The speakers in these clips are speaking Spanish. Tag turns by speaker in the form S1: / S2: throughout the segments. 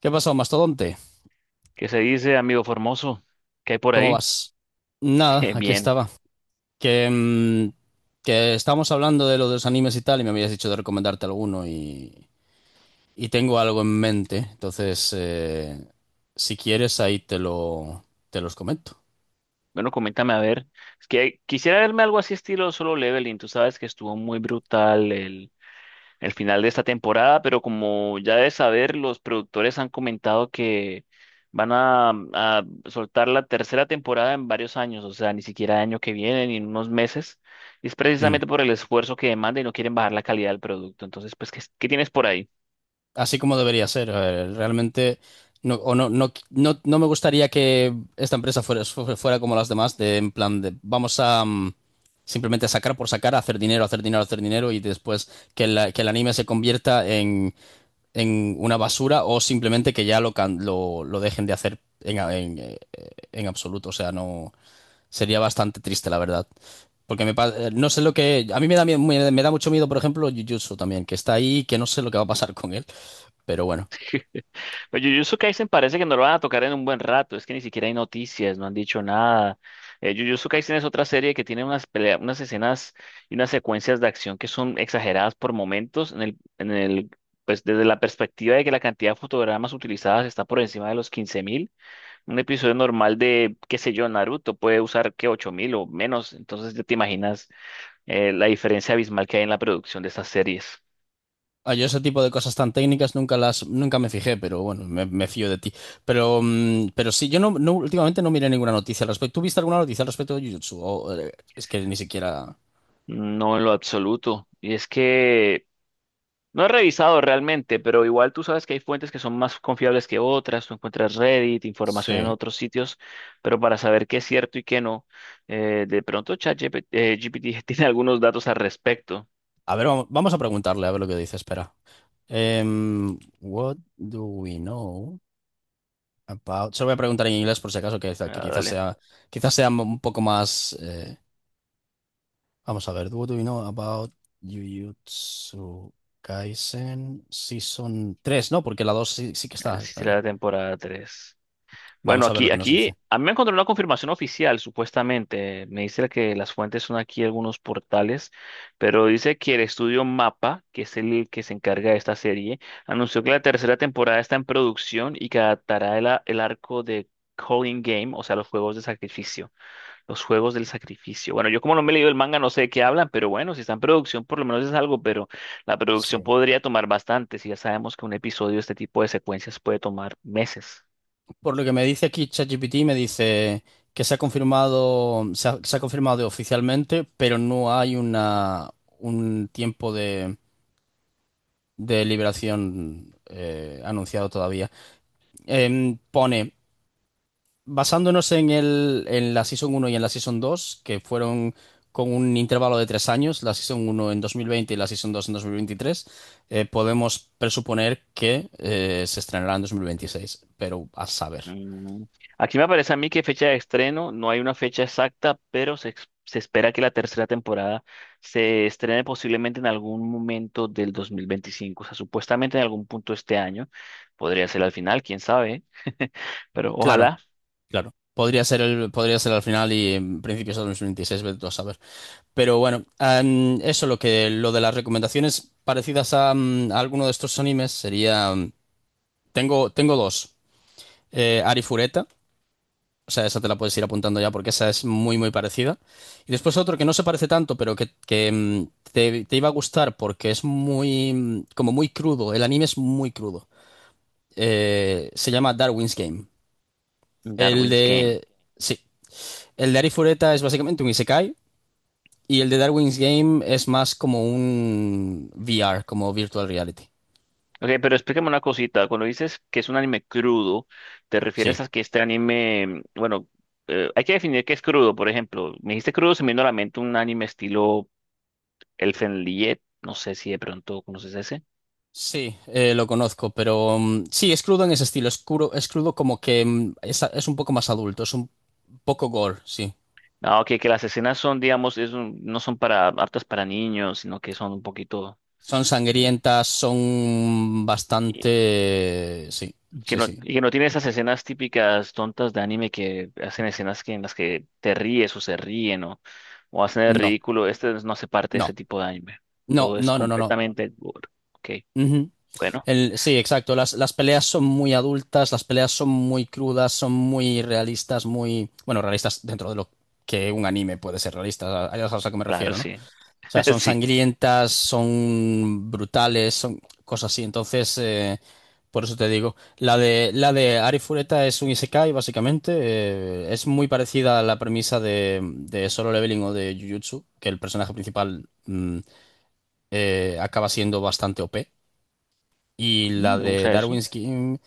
S1: ¿Qué pasó, mastodonte?
S2: ¿Qué se dice, amigo Formoso? ¿Qué hay por
S1: ¿Cómo
S2: ahí?
S1: vas? Nada, aquí
S2: Bien.
S1: estaba. Que, mm, que estábamos hablando de lo de los animes y tal, y me habías dicho de recomendarte alguno y tengo algo en mente. Entonces, si quieres, te los comento.
S2: Bueno, coméntame a ver. Es que quisiera verme algo así estilo Solo Leveling. Tú sabes que estuvo muy brutal el final de esta temporada, pero como ya debes saber, los productores han comentado que van a soltar la tercera temporada en varios años, o sea, ni siquiera año que viene, ni en unos meses. Y es
S1: Mm.
S2: precisamente por el esfuerzo que demanda y no quieren bajar la calidad del producto. Entonces, pues, ¿qué tienes por ahí?
S1: Así como debería ser. A ver, realmente no, o no, no, no, no me gustaría que esta empresa fuera como las demás, de en plan de vamos a simplemente sacar por sacar, hacer dinero, hacer dinero, hacer dinero y después que el anime se convierta en una basura o simplemente que ya lo dejen de hacer en absoluto. O sea, no. Sería bastante triste, la verdad. No sé lo que. A mí me da mucho miedo, por ejemplo, Jujutsu también, que está ahí y que no sé lo que va a pasar con él. Pero bueno.
S2: Pues Jujutsu Kaisen parece que no lo van a tocar en un buen rato, es que ni siquiera hay noticias, no han dicho nada. Jujutsu Kaisen es otra serie que tiene unas peleas, unas escenas y unas secuencias de acción que son exageradas por momentos en el, pues desde la perspectiva de que la cantidad de fotogramas utilizadas está por encima de los quince mil. Un episodio normal de, qué sé yo, Naruto puede usar que 8.000 o menos, entonces ya te imaginas la diferencia abismal que hay en la producción de estas series.
S1: Ah, yo ese tipo de cosas tan técnicas nunca me fijé, pero bueno, me fío de ti. Pero sí, yo últimamente no miré ninguna noticia al respecto. ¿Tú viste alguna noticia al respecto de Jujutsu? Es que ni siquiera.
S2: No, en lo absoluto. Y es que no he revisado realmente, pero igual tú sabes que hay fuentes que son más confiables que otras, tú encuentras Reddit, información en
S1: Sí.
S2: otros sitios, pero para saber qué es cierto y qué no, de pronto ChatGPT GPT tiene algunos datos al respecto.
S1: A ver, vamos a preguntarle a ver lo que dice. Espera. What do we know? About. Se lo voy a preguntar en inglés por si acaso, que
S2: Ah,
S1: quizás
S2: dale,
S1: sea, quizás sea un poco más. Vamos a ver. What do you know about Jujutsu Kaisen Season tres? No, porque la 2 sí, sí que está,
S2: si será
S1: está.
S2: la temporada 3. Bueno,
S1: Vamos a ver lo
S2: aquí,
S1: que nos dice.
S2: aquí, a mí me encontró una confirmación oficial, supuestamente. Me dice que las fuentes son aquí algunos portales, pero dice que el estudio MAPA, que es el que se encarga de esta serie, anunció que la tercera temporada está en producción y que adaptará el arco de Calling Game, o sea, los juegos de sacrificio, los juegos del sacrificio. Bueno, yo como no me he leído el manga, no sé de qué hablan, pero bueno, si está en producción, por lo menos es algo, pero la producción
S1: Sí.
S2: podría tomar bastante, si ya sabemos que un episodio de este tipo de secuencias puede tomar meses.
S1: Por lo que me dice aquí ChatGPT, me dice que se ha confirmado, se ha confirmado oficialmente, pero no hay un tiempo de liberación anunciado todavía. Pone. Basándonos en la Season uno y en la Season 2 que fueron con un intervalo de 3 años, la Season uno en 2020 y la Season 2 en 2023, podemos presuponer que se estrenará en 2026, pero a saber.
S2: Mm. Aquí me parece a mí que fecha de estreno, no hay una fecha exacta, pero se espera que la tercera temporada se estrene posiblemente en algún momento del 2025, o sea, supuestamente en algún punto este año, podría ser al final, quién sabe, pero
S1: Claro,
S2: ojalá.
S1: claro. Podría ser al final y en principios de 2026, vete tú a saber. Pero bueno, eso lo de las recomendaciones parecidas a alguno de estos animes sería. Tengo dos. Arifureta. O sea, esa te la puedes ir apuntando ya porque esa es muy, muy parecida. Y después otro que no se parece tanto, pero te iba a gustar porque es como muy crudo. El anime es muy crudo. Se llama Darwin's Game. El
S2: Darwin's Game.
S1: de... Sí. El de Arifureta es básicamente un isekai y el de Darwin's Game es más como un VR, como virtual reality.
S2: Ok, pero explícame una cosita, cuando dices que es un anime crudo, ¿te
S1: Sí.
S2: refieres a que este anime, bueno, hay que definir qué es crudo? Por ejemplo, me dijiste crudo, se me vino a la mente un anime estilo Elfenlied, no sé si de pronto conoces ese.
S1: Sí, lo conozco, pero sí, es crudo en ese estilo, es crudo como que es un poco más adulto, es un poco gore, sí.
S2: No, que las escenas son, digamos, no son para aptas para niños, sino que son un poquito
S1: Son
S2: eh,
S1: sangrientas, son
S2: eh,
S1: bastante... Sí,
S2: que
S1: sí,
S2: no,
S1: sí.
S2: y que no tiene esas escenas típicas tontas de anime que hacen escenas que en las que te ríes o se ríen o hacen el
S1: No,
S2: ridículo. Este no hace parte de
S1: no,
S2: este tipo de anime.
S1: no,
S2: Todo es
S1: no, no, no, no.
S2: completamente gore. Ok,
S1: Ujú.
S2: bueno,
S1: Sí, exacto. Las peleas son muy adultas, las peleas son muy crudas, son muy realistas, muy... Bueno, realistas dentro de lo que un anime puede ser realista, a eso es a lo que me
S2: claro,
S1: refiero, ¿no? O
S2: sí,
S1: sea, son
S2: sí.
S1: sangrientas, son brutales, son cosas así. Entonces, por eso te digo, la de Ari Fureta es un isekai, básicamente. Es muy parecida a la premisa de Solo Leveling o de Jujutsu, que el personaje principal acaba siendo bastante OP. Y
S2: Mm,
S1: la
S2: me
S1: de
S2: gusta eso.
S1: Darwin's Game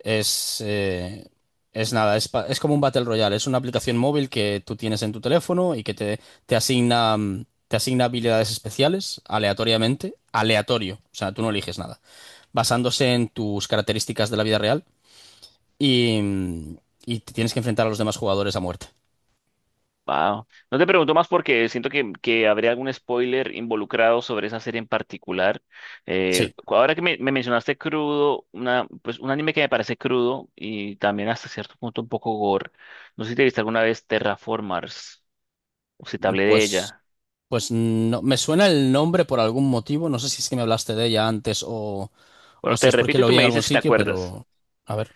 S1: es, eh, es nada, es como un Battle Royale, es una aplicación móvil que tú tienes en tu teléfono y te asigna, te asigna habilidades especiales aleatoriamente, aleatorio, o sea, tú no eliges nada, basándose en tus características de la vida real y, mm, y te tienes que enfrentar a los demás jugadores a muerte.
S2: Wow. No te pregunto más porque siento que habría algún spoiler involucrado sobre esa serie en particular.
S1: Sí,
S2: Ahora que me mencionaste crudo, una, pues un anime que me parece crudo y también hasta cierto punto un poco gore. No sé si te viste alguna vez Terraformars o si te hablé de
S1: pues,
S2: ella.
S1: pues no, me suena el nombre por algún motivo, no sé si es que me hablaste de ella antes o
S2: Bueno,
S1: si
S2: te
S1: es porque
S2: repito y
S1: lo
S2: tú
S1: vi
S2: me
S1: en algún
S2: dices si te
S1: sitio,
S2: acuerdas.
S1: pero... A ver.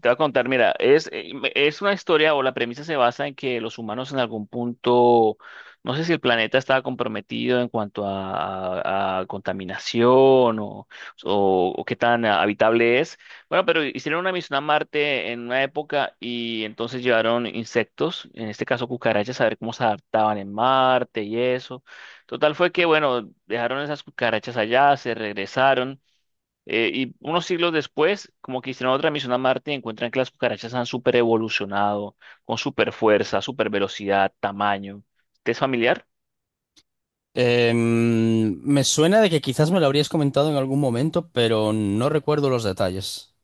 S2: Te voy a contar, mira, es una historia o la premisa se basa en que los humanos en algún punto, no sé si el planeta estaba comprometido en cuanto a contaminación o, o qué tan habitable es. Bueno, pero hicieron una misión a Marte en una época y entonces llevaron insectos, en este caso cucarachas, a ver cómo se adaptaban en Marte y eso. Total fue que, bueno, dejaron esas cucarachas allá, se regresaron. Y unos siglos después, como que hicieron otra misión a Marte y encuentran que las cucarachas han super evolucionado, con super fuerza, super velocidad, tamaño. ¿Te es familiar?
S1: Me suena de que quizás me lo habrías comentado en algún momento, pero no recuerdo los detalles.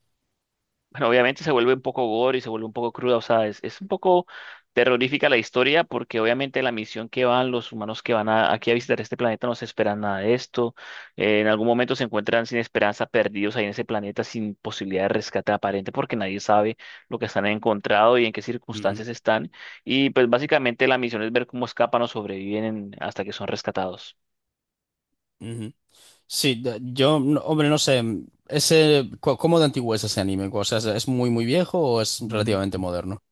S2: Bueno, obviamente se vuelve un poco gore y se vuelve un poco cruda, o sea, es un poco terrorífica la historia porque obviamente la misión que van los humanos que van aquí a visitar este planeta no se esperan nada de esto, en algún momento se encuentran sin esperanza, perdidos ahí en ese planeta sin posibilidad de rescate aparente porque nadie sabe lo que están encontrado y en qué
S1: Ujú,
S2: circunstancias están y pues básicamente la misión es ver cómo escapan o sobreviven hasta que son rescatados.
S1: ujú. Sí, de- yo, no- hombre, no sé, ¿cómo de antiguo es ese anime? O sea, es muy, muy viejo o es relativamente moderno?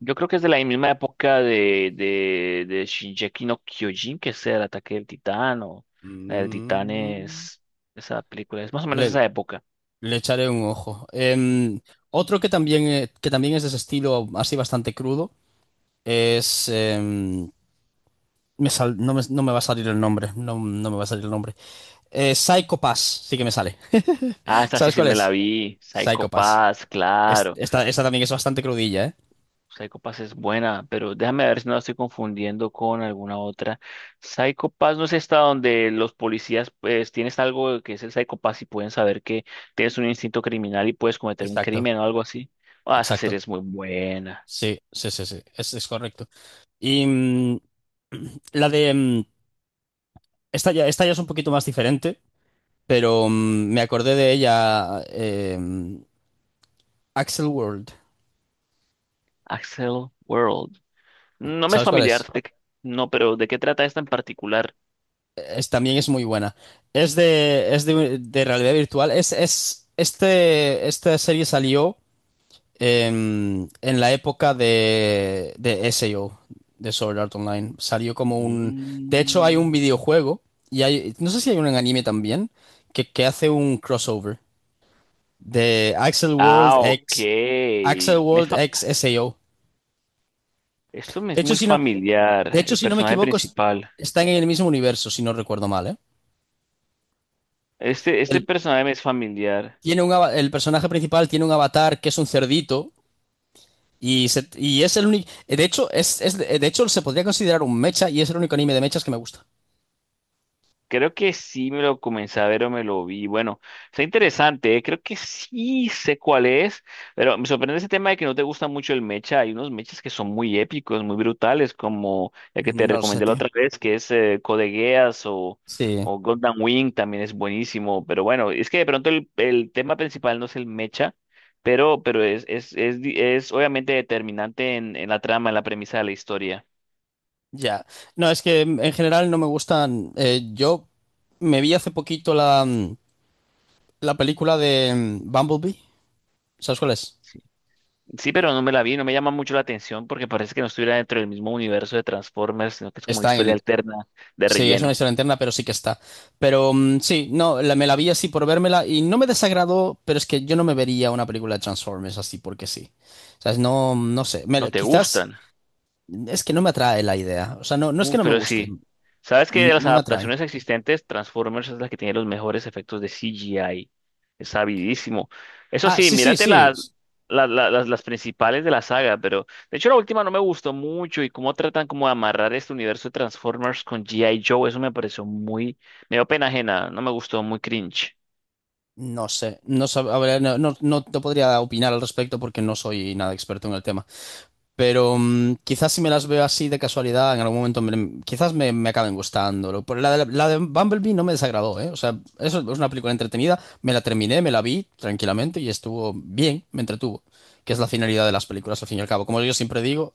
S2: Yo creo que es de la misma época de Shingeki no Kyojin, que es el ataque del titán o la del titán
S1: Mm,
S2: es esa película, es más o menos
S1: Le,
S2: esa época.
S1: le echaré un ojo. Otro que también es de ese estilo así bastante crudo es... em, me sal- no me, no me va a salir el nombre, no me va a salir el nombre. Psycho Pass, sí que me sale.
S2: Ah, esta sí
S1: ¿Sabes
S2: sí
S1: cuál
S2: me la
S1: es?
S2: vi, Psycho
S1: Psycho Pass.
S2: Pass,
S1: Es-
S2: claro.
S1: esta, esta también es bastante crudilla, ¿eh?
S2: Psycho Pass es buena, pero déjame ver si no la estoy confundiendo con alguna otra. Psycho Pass no es esta donde los policías pues tienes algo que es el Psycho Pass y pueden saber que tienes un instinto criminal y puedes cometer un
S1: Exacto,
S2: crimen o algo así. Ah, esa
S1: exacto.
S2: serie es muy buena.
S1: Sí, sí, sí, sí. Es correcto. Y mm, la de. mm, esta ya es un poquito más diferente, pero me acordé de ella. Axel World.
S2: Axel World. No me es
S1: ¿Sabes cuál
S2: familiar,
S1: es?
S2: no, pero ¿de qué trata esta en particular?
S1: También es muy buena. Es de realidad virtual. Esta serie salió en la época de SAO, de Sword Art Online. Salió como un... De hecho, hay un
S2: Mm.
S1: videojuego, y hay... No sé si hay un anime también, que hace un crossover de Axel World
S2: Ah, ok.
S1: X... Axel
S2: Me es
S1: World
S2: fa-
S1: X SAO.
S2: Esto me
S1: De
S2: es
S1: hecho,
S2: muy
S1: si no, de
S2: familiar,
S1: hecho,
S2: el
S1: si no me
S2: personaje
S1: equivoco,
S2: principal.
S1: está en el mismo universo, si no recuerdo mal, ¿eh?
S2: Este
S1: El,
S2: personaje me es familiar.
S1: el personaje principal tiene un avatar que es un cerdito. Y es el único. De hecho, de hecho, se podría considerar un mecha y es el único anime de mechas que me gusta.
S2: Creo que sí me lo comencé a ver o me lo vi. Bueno, está interesante, ¿eh? Creo que sí sé cuál es, pero me sorprende ese tema de que no te gusta mucho el mecha. Hay unos mechas que son muy épicos, muy brutales, como el que te
S1: No lo sé,
S2: recomendé la
S1: tío.
S2: otra vez, que es Code Geass
S1: Sí,
S2: o Gundam Wing, también es buenísimo. Pero bueno, es que de pronto el tema principal no es el mecha, pero es obviamente determinante en la trama, en la premisa de la historia.
S1: ya. No, es que en general no me gustan. Yo me vi hace poquito la película de Bumblebee. ¿Sabes cuál es?
S2: Sí, pero no me la vi, no me llama mucho la atención porque parece que no estuviera dentro del mismo universo de Transformers, sino que es como una
S1: Está en
S2: historia
S1: el.
S2: alterna de
S1: Sí, es una
S2: relleno.
S1: historia interna, pero sí que está. Pero sí, no, me la vi así por vérmela y no me desagradó, pero es que yo no me vería una película de Transformers así porque sí. O sea, no, no sé.
S2: No te
S1: Quizás.
S2: gustan.
S1: Es que no me atrae la idea. O sea, no, no es que
S2: Uf,
S1: no me
S2: pero
S1: guste,
S2: sí. ¿Sabes que de las
S1: no me atrae.
S2: adaptaciones existentes, Transformers es la que tiene los mejores efectos de CGI? Es sabidísimo. Eso
S1: Ah,
S2: sí,
S1: sí, sí,
S2: mírate
S1: sí.
S2: las principales de la saga, pero de hecho la última no me gustó mucho y cómo tratan como de amarrar este universo de Transformers con G.I. Joe, eso me pareció muy, me dio pena ajena, no me gustó, muy cringe.
S1: No sé, a ver, no te podría opinar al respecto porque no soy nada experto en el tema. Pero quizás si me las veo así de casualidad, en algún momento quizás me acaben gustando. La de Bumblebee no me desagradó, ¿eh? O sea, eso es una película entretenida. Me la terminé, me la vi tranquilamente y estuvo bien, me entretuvo. Que es la finalidad de las películas, al fin y al cabo. Como yo siempre digo,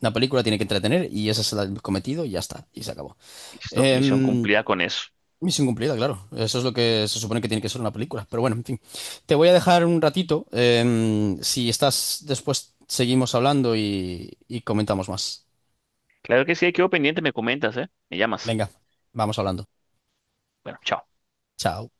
S1: una película tiene que entretener y ese es el cometido y ya está, y se acabó.
S2: Listo, misión
S1: Em,
S2: cumplida con eso.
S1: Misión cumplida, claro. Eso es lo que se supone que tiene que ser una película. Pero bueno, en fin. Te voy a dejar un ratito. Si estás después, seguimos hablando y comentamos más.
S2: Claro que sí, quedo pendiente, me comentas, ¿eh? Me llamas.
S1: Venga, vamos hablando.
S2: Bueno, chao.
S1: Chao.